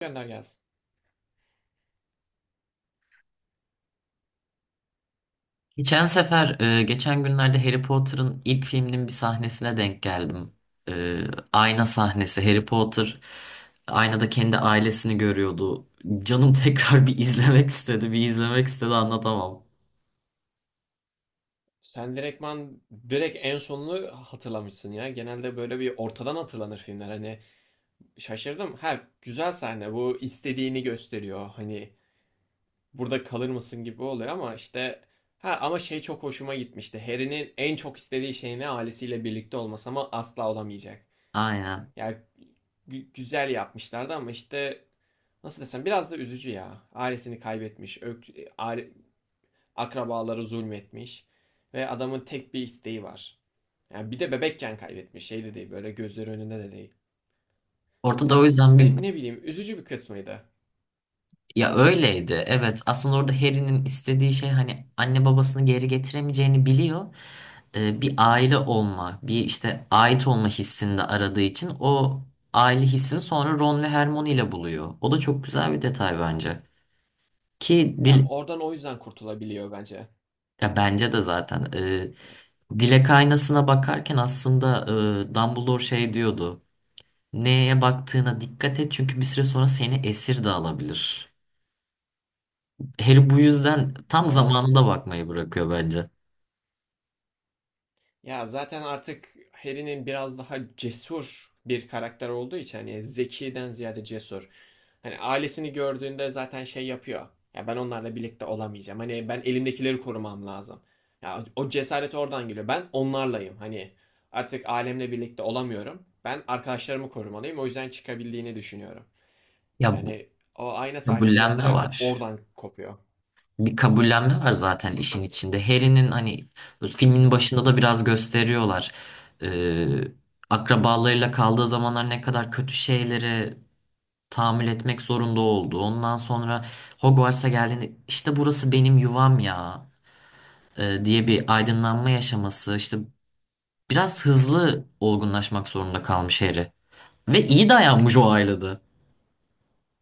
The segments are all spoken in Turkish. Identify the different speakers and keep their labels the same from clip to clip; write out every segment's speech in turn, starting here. Speaker 1: Gönder gelsin.
Speaker 2: Geçen günlerde Harry Potter'ın ilk filminin bir sahnesine denk geldim. E, Ayna sahnesi. Harry Potter aynada kendi ailesini görüyordu. Canım tekrar bir izlemek istedi, bir izlemek istedi anlatamam.
Speaker 1: Sen direkt en sonunu hatırlamışsın ya. Genelde böyle bir ortadan hatırlanır filmler. Hani şaşırdım. Ha, güzel sahne bu, istediğini gösteriyor. Hani burada kalır mısın gibi oluyor ama işte ha ama şey çok hoşuma gitmişti. Harry'nin en çok istediği şey ne? Ailesiyle birlikte olması ama asla olamayacak.
Speaker 2: Aynen.
Speaker 1: Yani güzel yapmışlardı ama işte nasıl desem biraz da üzücü ya. Ailesini kaybetmiş. Aile- Akrabaları zulmetmiş. Ve adamın tek bir isteği var. Yani bir de bebekken kaybetmiş. Şey de değil, böyle gözleri önünde de değil.
Speaker 2: Ortada, o
Speaker 1: Yani
Speaker 2: yüzden
Speaker 1: ne,
Speaker 2: bir
Speaker 1: ne bileyim, üzücü bir kısmıydı.
Speaker 2: ya öyleydi. Evet. Aslında orada Harry'nin istediği şey, hani anne babasını geri getiremeyeceğini biliyor. Bir aile olma, bir işte ait olma hissini de aradığı için o aile hissini sonra Ron ve Hermione ile buluyor. O da çok güzel bir detay bence. Ki
Speaker 1: Ya
Speaker 2: dil,
Speaker 1: oradan o yüzden kurtulabiliyor bence.
Speaker 2: ya bence de zaten.
Speaker 1: Ya,
Speaker 2: Dilek aynasına bakarken aslında, Dumbledore şey diyordu. Neye baktığına dikkat et, çünkü bir süre sonra seni esir de alabilir. Harry bu yüzden tam
Speaker 1: doğru.
Speaker 2: zamanında bakmayı bırakıyor bence.
Speaker 1: Ya zaten artık Harry'nin biraz daha cesur bir karakter olduğu için hani zekiden ziyade cesur. Hani ailesini gördüğünde zaten şey yapıyor. Ya ben onlarla birlikte olamayacağım. Hani ben elimdekileri korumam lazım. Ya o cesaret oradan geliyor. Ben onlarlayım. Hani artık ailemle birlikte olamıyorum. Ben arkadaşlarımı korumalıyım. O yüzden çıkabildiğini düşünüyorum.
Speaker 2: Ya, bu
Speaker 1: Yani o ayna sahnesi
Speaker 2: kabullenme
Speaker 1: bence
Speaker 2: var.
Speaker 1: oradan kopuyor.
Speaker 2: Bir kabullenme var zaten işin içinde. Harry'nin hani
Speaker 1: Hı
Speaker 2: filmin
Speaker 1: hı.
Speaker 2: başında da biraz gösteriyorlar. Ee, Akrabalarıyla kaldığı zamanlar ne kadar kötü şeylere tahammül etmek zorunda oldu. Ondan sonra Hogwarts'a geldiğinde, işte burası benim yuvam ya, diye bir aydınlanma yaşaması. İşte biraz hızlı olgunlaşmak zorunda kalmış Harry. Ve iyi dayanmış o ailede.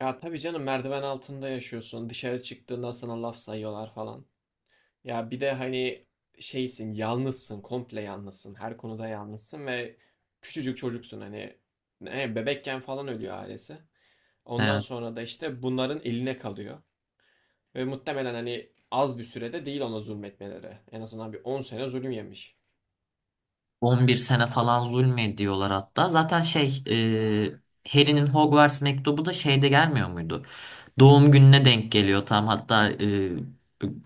Speaker 1: Ya tabii canım, merdiven altında yaşıyorsun. Dışarı çıktığında sana laf sayıyorlar falan. Ya bir de hani şeysin, yalnızsın, komple yalnızsın, her konuda yalnızsın ve küçücük çocuksun, hani ne, bebekken falan ölüyor ailesi. Ondan
Speaker 2: Evet.
Speaker 1: sonra da işte bunların eline kalıyor ve muhtemelen hani az bir sürede değil ona zulmetmeleri. En azından bir 10 sene zulüm yemiş.
Speaker 2: 11 sene falan zulmediyorlar hatta. Harry'nin Hogwarts mektubu da şeyde gelmiyor muydu? Doğum gününe denk geliyor tam hatta,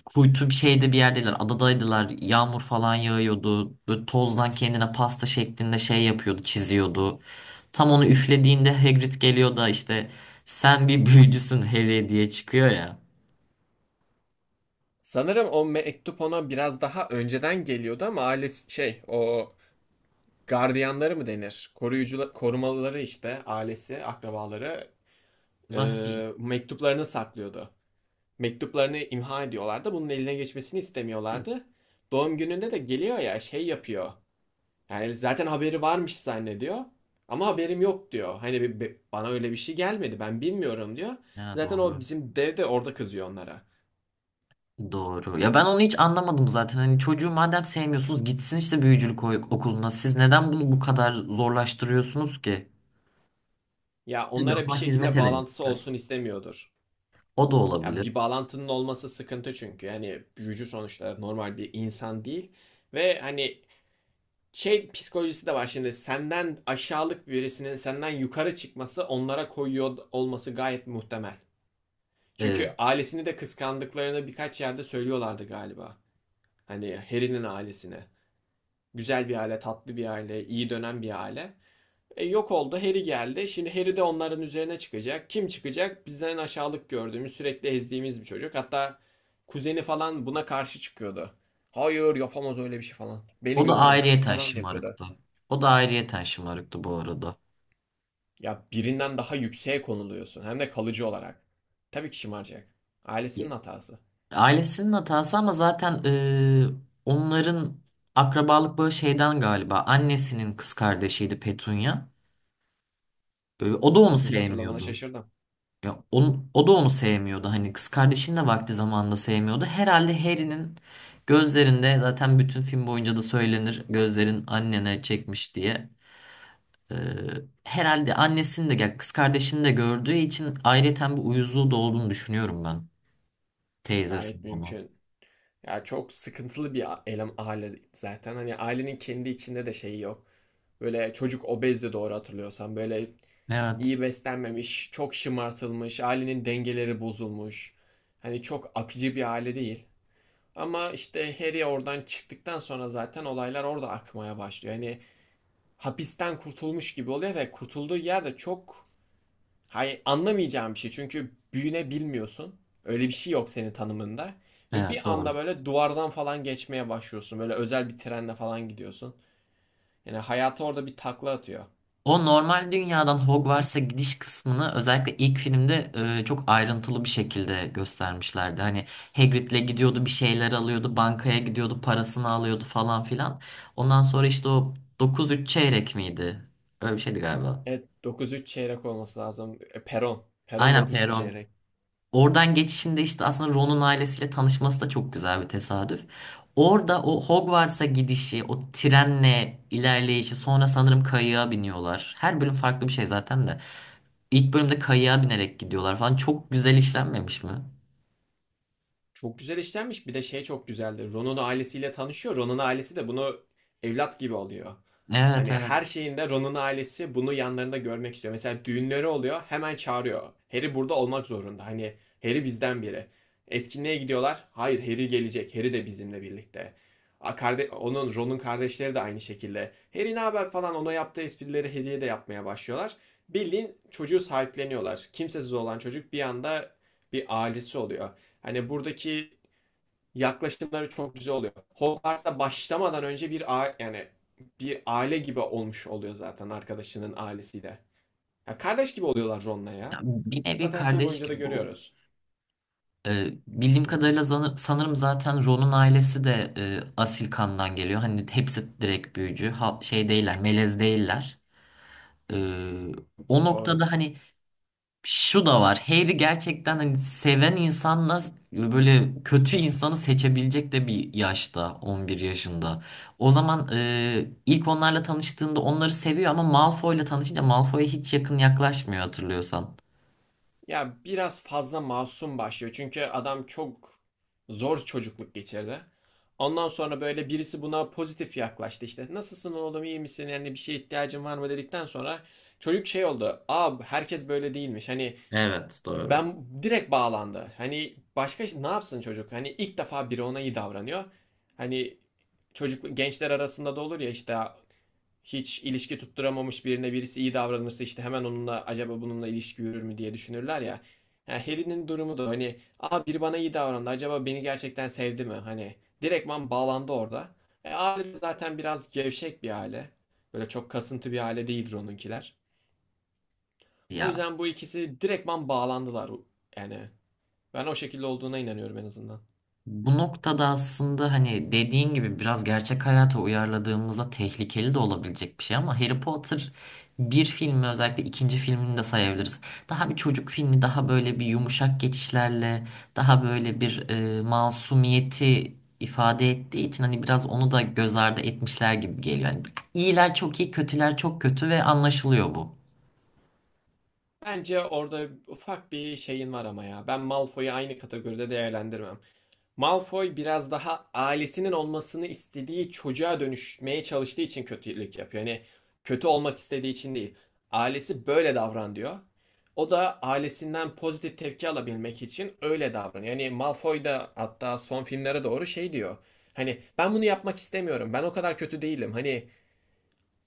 Speaker 2: kuytu bir şeyde bir yerdeler, adadaydılar, yağmur falan yağıyordu, böyle tozdan kendine pasta şeklinde şey yapıyordu, çiziyordu. Tam onu üflediğinde Hagrid geliyor da, işte sen bir büyücüsün Harry, diye çıkıyor ya.
Speaker 1: Sanırım o mektup ona biraz daha önceden geliyordu ama ailesi şey, o gardiyanları mı denir? Koruyucular, korumalıları işte ailesi, akrabaları e,
Speaker 2: Vasiyet.
Speaker 1: mektuplarını saklıyordu. Mektuplarını imha ediyorlardı. Bunun eline geçmesini istemiyorlardı. Doğum gününde de geliyor ya, şey yapıyor. Yani zaten haberi varmış zannediyor. Ama haberim yok diyor. Hani bana öyle bir şey gelmedi, ben bilmiyorum diyor.
Speaker 2: Ha,
Speaker 1: Zaten o
Speaker 2: doğru.
Speaker 1: bizim dev de orada kızıyor onlara.
Speaker 2: Doğru. Ya ben onu hiç anlamadım zaten. Hani çocuğu madem sevmiyorsunuz, gitsin işte büyücülük okuluna. Siz neden bunu bu kadar zorlaştırıyorsunuz ki?
Speaker 1: Ya
Speaker 2: Tabii, o
Speaker 1: onlara bir
Speaker 2: zaman hizmet
Speaker 1: şekilde bağlantısı
Speaker 2: edememişler.
Speaker 1: olsun istemiyordur.
Speaker 2: O da
Speaker 1: Ya
Speaker 2: olabilir.
Speaker 1: bir bağlantının olması sıkıntı çünkü. Yani büyücü sonuçta normal bir insan değil. Ve hani şey psikolojisi de var, şimdi senden aşağılık birisinin senden yukarı çıkması onlara koyuyor olması gayet muhtemel. Çünkü
Speaker 2: Ee,
Speaker 1: ailesini de kıskandıklarını birkaç yerde söylüyorlardı galiba. Hani Harry'nin ailesine. Güzel bir aile, tatlı bir aile, iyi dönen bir aile. Yok oldu, Harry geldi. Şimdi Harry de onların üzerine çıkacak. Kim çıkacak? Bizden aşağılık gördüğümüz, sürekli ezdiğimiz bir çocuk. Hatta kuzeni falan buna karşı çıkıyordu. Hayır, yapamaz öyle bir şey falan. Beni
Speaker 2: O da
Speaker 1: götürün
Speaker 2: ayrıyeten
Speaker 1: falan yapıyordu.
Speaker 2: şımarıktı. O da ayrıyeten şımarıktı bu arada.
Speaker 1: Ya birinden daha yükseğe konuluyorsun, hem de kalıcı olarak. Tabii ki şımaracak.
Speaker 2: Ya-
Speaker 1: Ailesinin hatası.
Speaker 2: Ailesinin hatası, ama zaten, onların akrabalık böyle şeyden galiba. Annesinin kız kardeşiydi Petunia. O da onu
Speaker 1: Adını hatırlamana
Speaker 2: sevmiyordu.
Speaker 1: şaşırdım.
Speaker 2: Ya o da onu sevmiyordu. Hani kız kardeşini de vakti zamanında sevmiyordu. Herhalde Harry'nin gözlerinde, zaten bütün film boyunca da söylenir gözlerin annene çekmiş diye. Ee, Herhalde annesini, de ya kız kardeşini de gördüğü için ayrıyeten bir uyuzluğu da olduğunu düşünüyorum ben.
Speaker 1: Gayet
Speaker 2: Teyzesinin onu.
Speaker 1: mümkün. Ya çok sıkıntılı bir elem aile zaten. Hani ailenin kendi içinde de şeyi yok. Böyle çocuk obezdi, doğru hatırlıyorsam. Böyle
Speaker 2: Evet.
Speaker 1: iyi beslenmemiş, çok şımartılmış, ailenin dengeleri bozulmuş. Hani çok akıcı bir aile değil. Ama işte Harry oradan çıktıktan sonra zaten olaylar orada akmaya başlıyor. Hani hapisten kurtulmuş gibi oluyor ve kurtulduğu yerde çok, hay anlamayacağım bir şey. Çünkü büyünebilmiyorsun. Öyle bir şey yok senin tanımında. Ve
Speaker 2: Evet,
Speaker 1: bir anda
Speaker 2: doğru.
Speaker 1: böyle duvardan falan geçmeye başlıyorsun. Böyle özel bir trenle falan gidiyorsun. Yani hayatı orada bir takla atıyor.
Speaker 2: O normal dünyadan Hogwarts'a gidiş kısmını özellikle ilk filmde, çok ayrıntılı bir şekilde göstermişlerdi. Hani Hagrid'le gidiyordu, bir şeyler alıyordu, bankaya gidiyordu, parasını alıyordu falan filan. Ondan sonra işte o dokuz üç çeyrek miydi? Öyle bir şeydi galiba.
Speaker 1: Evet, 9-3 çeyrek olması lazım. Peron. Peron
Speaker 2: Aynen
Speaker 1: 9-3
Speaker 2: Perron.
Speaker 1: çeyrek.
Speaker 2: Oradan geçişinde, işte aslında Ron'un ailesiyle tanışması da çok güzel bir tesadüf. Orada o Hogwarts'a gidişi, o trenle ilerleyişi, sonra sanırım kayığa biniyorlar. Her bölüm farklı bir şey zaten de. İlk bölümde kayığa binerek gidiyorlar falan. Çok güzel işlenmemiş mi?
Speaker 1: Çok güzel işlenmiş. Bir de şey çok güzeldi. Ron'un ailesiyle tanışıyor. Ron'un ailesi de bunu evlat gibi alıyor.
Speaker 2: Evet,
Speaker 1: Hani
Speaker 2: evet.
Speaker 1: her şeyinde Ron'un ailesi bunu yanlarında görmek istiyor. Mesela düğünleri oluyor, hemen çağırıyor. Harry burada olmak zorunda. Hani Harry bizden biri. Etkinliğe gidiyorlar. Hayır, Harry gelecek. Harry de bizimle birlikte. Onun, Ron'un kardeşleri de aynı şekilde. Harry ne haber falan, ona yaptığı esprileri Harry'ye de yapmaya başlıyorlar. Bildiğin çocuğu sahipleniyorlar. Kimsesiz olan çocuk bir anda bir ailesi oluyor. Hani buradaki yaklaşımları çok güzel oluyor. Hogwarts'a başlamadan önce bir a yani bir aile gibi olmuş oluyor zaten arkadaşının ailesiyle. Ya kardeş gibi oluyorlar Ron'la ya.
Speaker 2: Ya, bir nevi
Speaker 1: Zaten film
Speaker 2: kardeş
Speaker 1: boyunca da
Speaker 2: gibi oldu.
Speaker 1: görüyoruz.
Speaker 2: Bildiğim kadarıyla sanırım zaten Ron'un ailesi de, asil kandan geliyor. Hani hepsi direkt büyücü. Şey değiller, melez değiller. Ee, O
Speaker 1: Doğru.
Speaker 2: noktada hani şu da var. Harry gerçekten hani seven insanla böyle kötü insanı seçebilecek de bir yaşta, 11 yaşında. O zaman, ilk onlarla tanıştığında onları seviyor, ama Malfoy'la tanışınca Malfoy'a hiç yakın yaklaşmıyor hatırlıyorsan.
Speaker 1: Ya biraz fazla masum başlıyor. Çünkü adam çok zor çocukluk geçirdi. Ondan sonra böyle birisi buna pozitif yaklaştı işte. Nasılsın oğlum, iyi misin? Yani bir şeye ihtiyacın var mı dedikten sonra çocuk şey oldu. Aa, herkes böyle değilmiş. Hani
Speaker 2: Evet, doğru.
Speaker 1: ben, direkt bağlandı. Hani başka ne yapsın çocuk? Hani ilk defa biri ona iyi davranıyor. Hani çocuk, gençler arasında da olur ya işte hiç ilişki tutturamamış birine birisi iyi davranırsa işte hemen onunla acaba bununla ilişki yürür mü diye düşünürler ya. Yani Harry'nin durumu da hani, aa biri bana iyi davrandı, acaba beni gerçekten sevdi mi? Hani direktman bağlandı orada. Aile zaten biraz gevşek bir aile. Böyle çok kasıntı bir aile değildir onunkiler. O
Speaker 2: Ya,
Speaker 1: yüzden bu ikisi direktman bağlandılar yani. Ben o şekilde olduğuna inanıyorum en azından.
Speaker 2: bu noktada aslında, hani dediğin gibi biraz gerçek hayata uyarladığımızda tehlikeli de olabilecek bir şey, ama Harry Potter bir filmi, özellikle ikinci filmini de sayabiliriz. Daha bir çocuk filmi, daha böyle bir yumuşak geçişlerle, daha böyle bir, masumiyeti ifade ettiği için hani biraz onu da göz ardı etmişler gibi geliyor. Yani iyiler çok iyi, kötüler çok kötü ve anlaşılıyor bu.
Speaker 1: Bence orada ufak bir şeyin var ama ya. Ben Malfoy'u aynı kategoride değerlendirmem. Malfoy biraz daha ailesinin olmasını istediği çocuğa dönüşmeye çalıştığı için kötülük yapıyor. Yani kötü olmak istediği için değil. Ailesi böyle davran diyor. O da ailesinden pozitif tepki alabilmek için öyle davranıyor. Yani Malfoy da hatta son filmlere doğru şey diyor. Hani ben bunu yapmak istemiyorum. Ben o kadar kötü değilim. Hani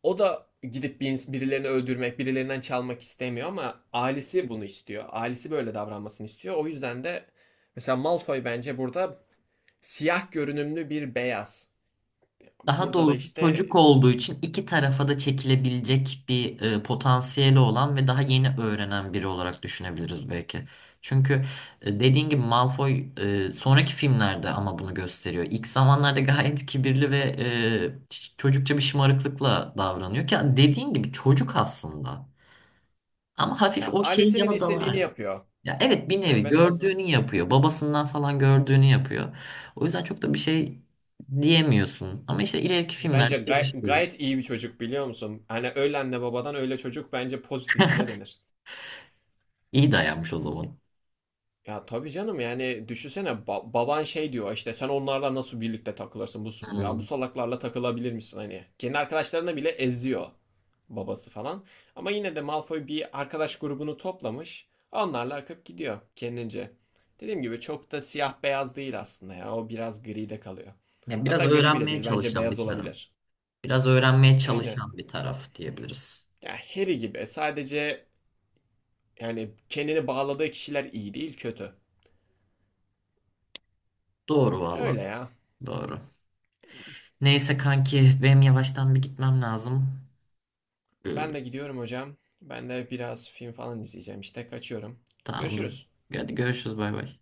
Speaker 1: o da gidip bir birilerini öldürmek, birilerinden çalmak istemiyor ama ailesi bunu istiyor. Ailesi böyle davranmasını istiyor. O yüzden de mesela Malfoy bence burada siyah görünümlü bir beyaz.
Speaker 2: Daha
Speaker 1: Burada da
Speaker 2: doğrusu
Speaker 1: işte
Speaker 2: çocuk olduğu için iki tarafa da çekilebilecek bir, potansiyeli olan ve daha yeni öğrenen biri olarak düşünebiliriz belki. Çünkü dediğin gibi Malfoy, sonraki filmlerde ama bunu gösteriyor. İlk zamanlarda gayet kibirli ve, çocukça bir şımarıklıkla davranıyor, ki dediğin gibi çocuk aslında. Ama hafif
Speaker 1: ya,
Speaker 2: o şeyin
Speaker 1: ailesinin
Speaker 2: yanı da
Speaker 1: istediğini
Speaker 2: var.
Speaker 1: yapıyor.
Speaker 2: Ya evet, bir
Speaker 1: Yani
Speaker 2: nevi
Speaker 1: ben en azından
Speaker 2: gördüğünü yapıyor. Babasından falan gördüğünü yapıyor. O yüzden çok da bir şey diyemiyorsun. Ama işte ileriki
Speaker 1: bence
Speaker 2: filmlerde
Speaker 1: gay-
Speaker 2: değişiyor.
Speaker 1: gayet iyi bir çocuk, biliyor musun? Hani öyle anne babadan öyle çocuk, bence pozitif bile denir.
Speaker 2: İyi dayanmış o zaman.
Speaker 1: Ya tabii canım, yani düşünsene, baban şey diyor işte sen onlarla nasıl birlikte takılırsın, bu ya bu
Speaker 2: Hmm.
Speaker 1: salaklarla takılabilir misin, hani kendi arkadaşlarına bile eziyor babası falan ama yine de Malfoy bir arkadaş grubunu toplamış, onlarla akıp gidiyor kendince. Dediğim gibi çok da siyah beyaz değil aslında ya, o biraz gri de kalıyor.
Speaker 2: Ya, biraz
Speaker 1: Hatta gri bile
Speaker 2: öğrenmeye
Speaker 1: değil, bence
Speaker 2: çalışan bir
Speaker 1: beyaz
Speaker 2: taraf.
Speaker 1: olabilir.
Speaker 2: Biraz öğrenmeye
Speaker 1: Yani
Speaker 2: çalışan bir taraf diyebiliriz.
Speaker 1: ya Harry gibi sadece, yani kendini bağladığı kişiler iyi değil, kötü.
Speaker 2: Doğru valla.
Speaker 1: Öyle ya.
Speaker 2: Doğru. Neyse kanki, benim yavaştan bir gitmem lazım.
Speaker 1: Ben de
Speaker 2: Ee,
Speaker 1: gidiyorum hocam. Ben de biraz film falan izleyeceğim işte. Kaçıyorum.
Speaker 2: tamam, dur.
Speaker 1: Görüşürüz.
Speaker 2: Hadi görüşürüz, bay bay.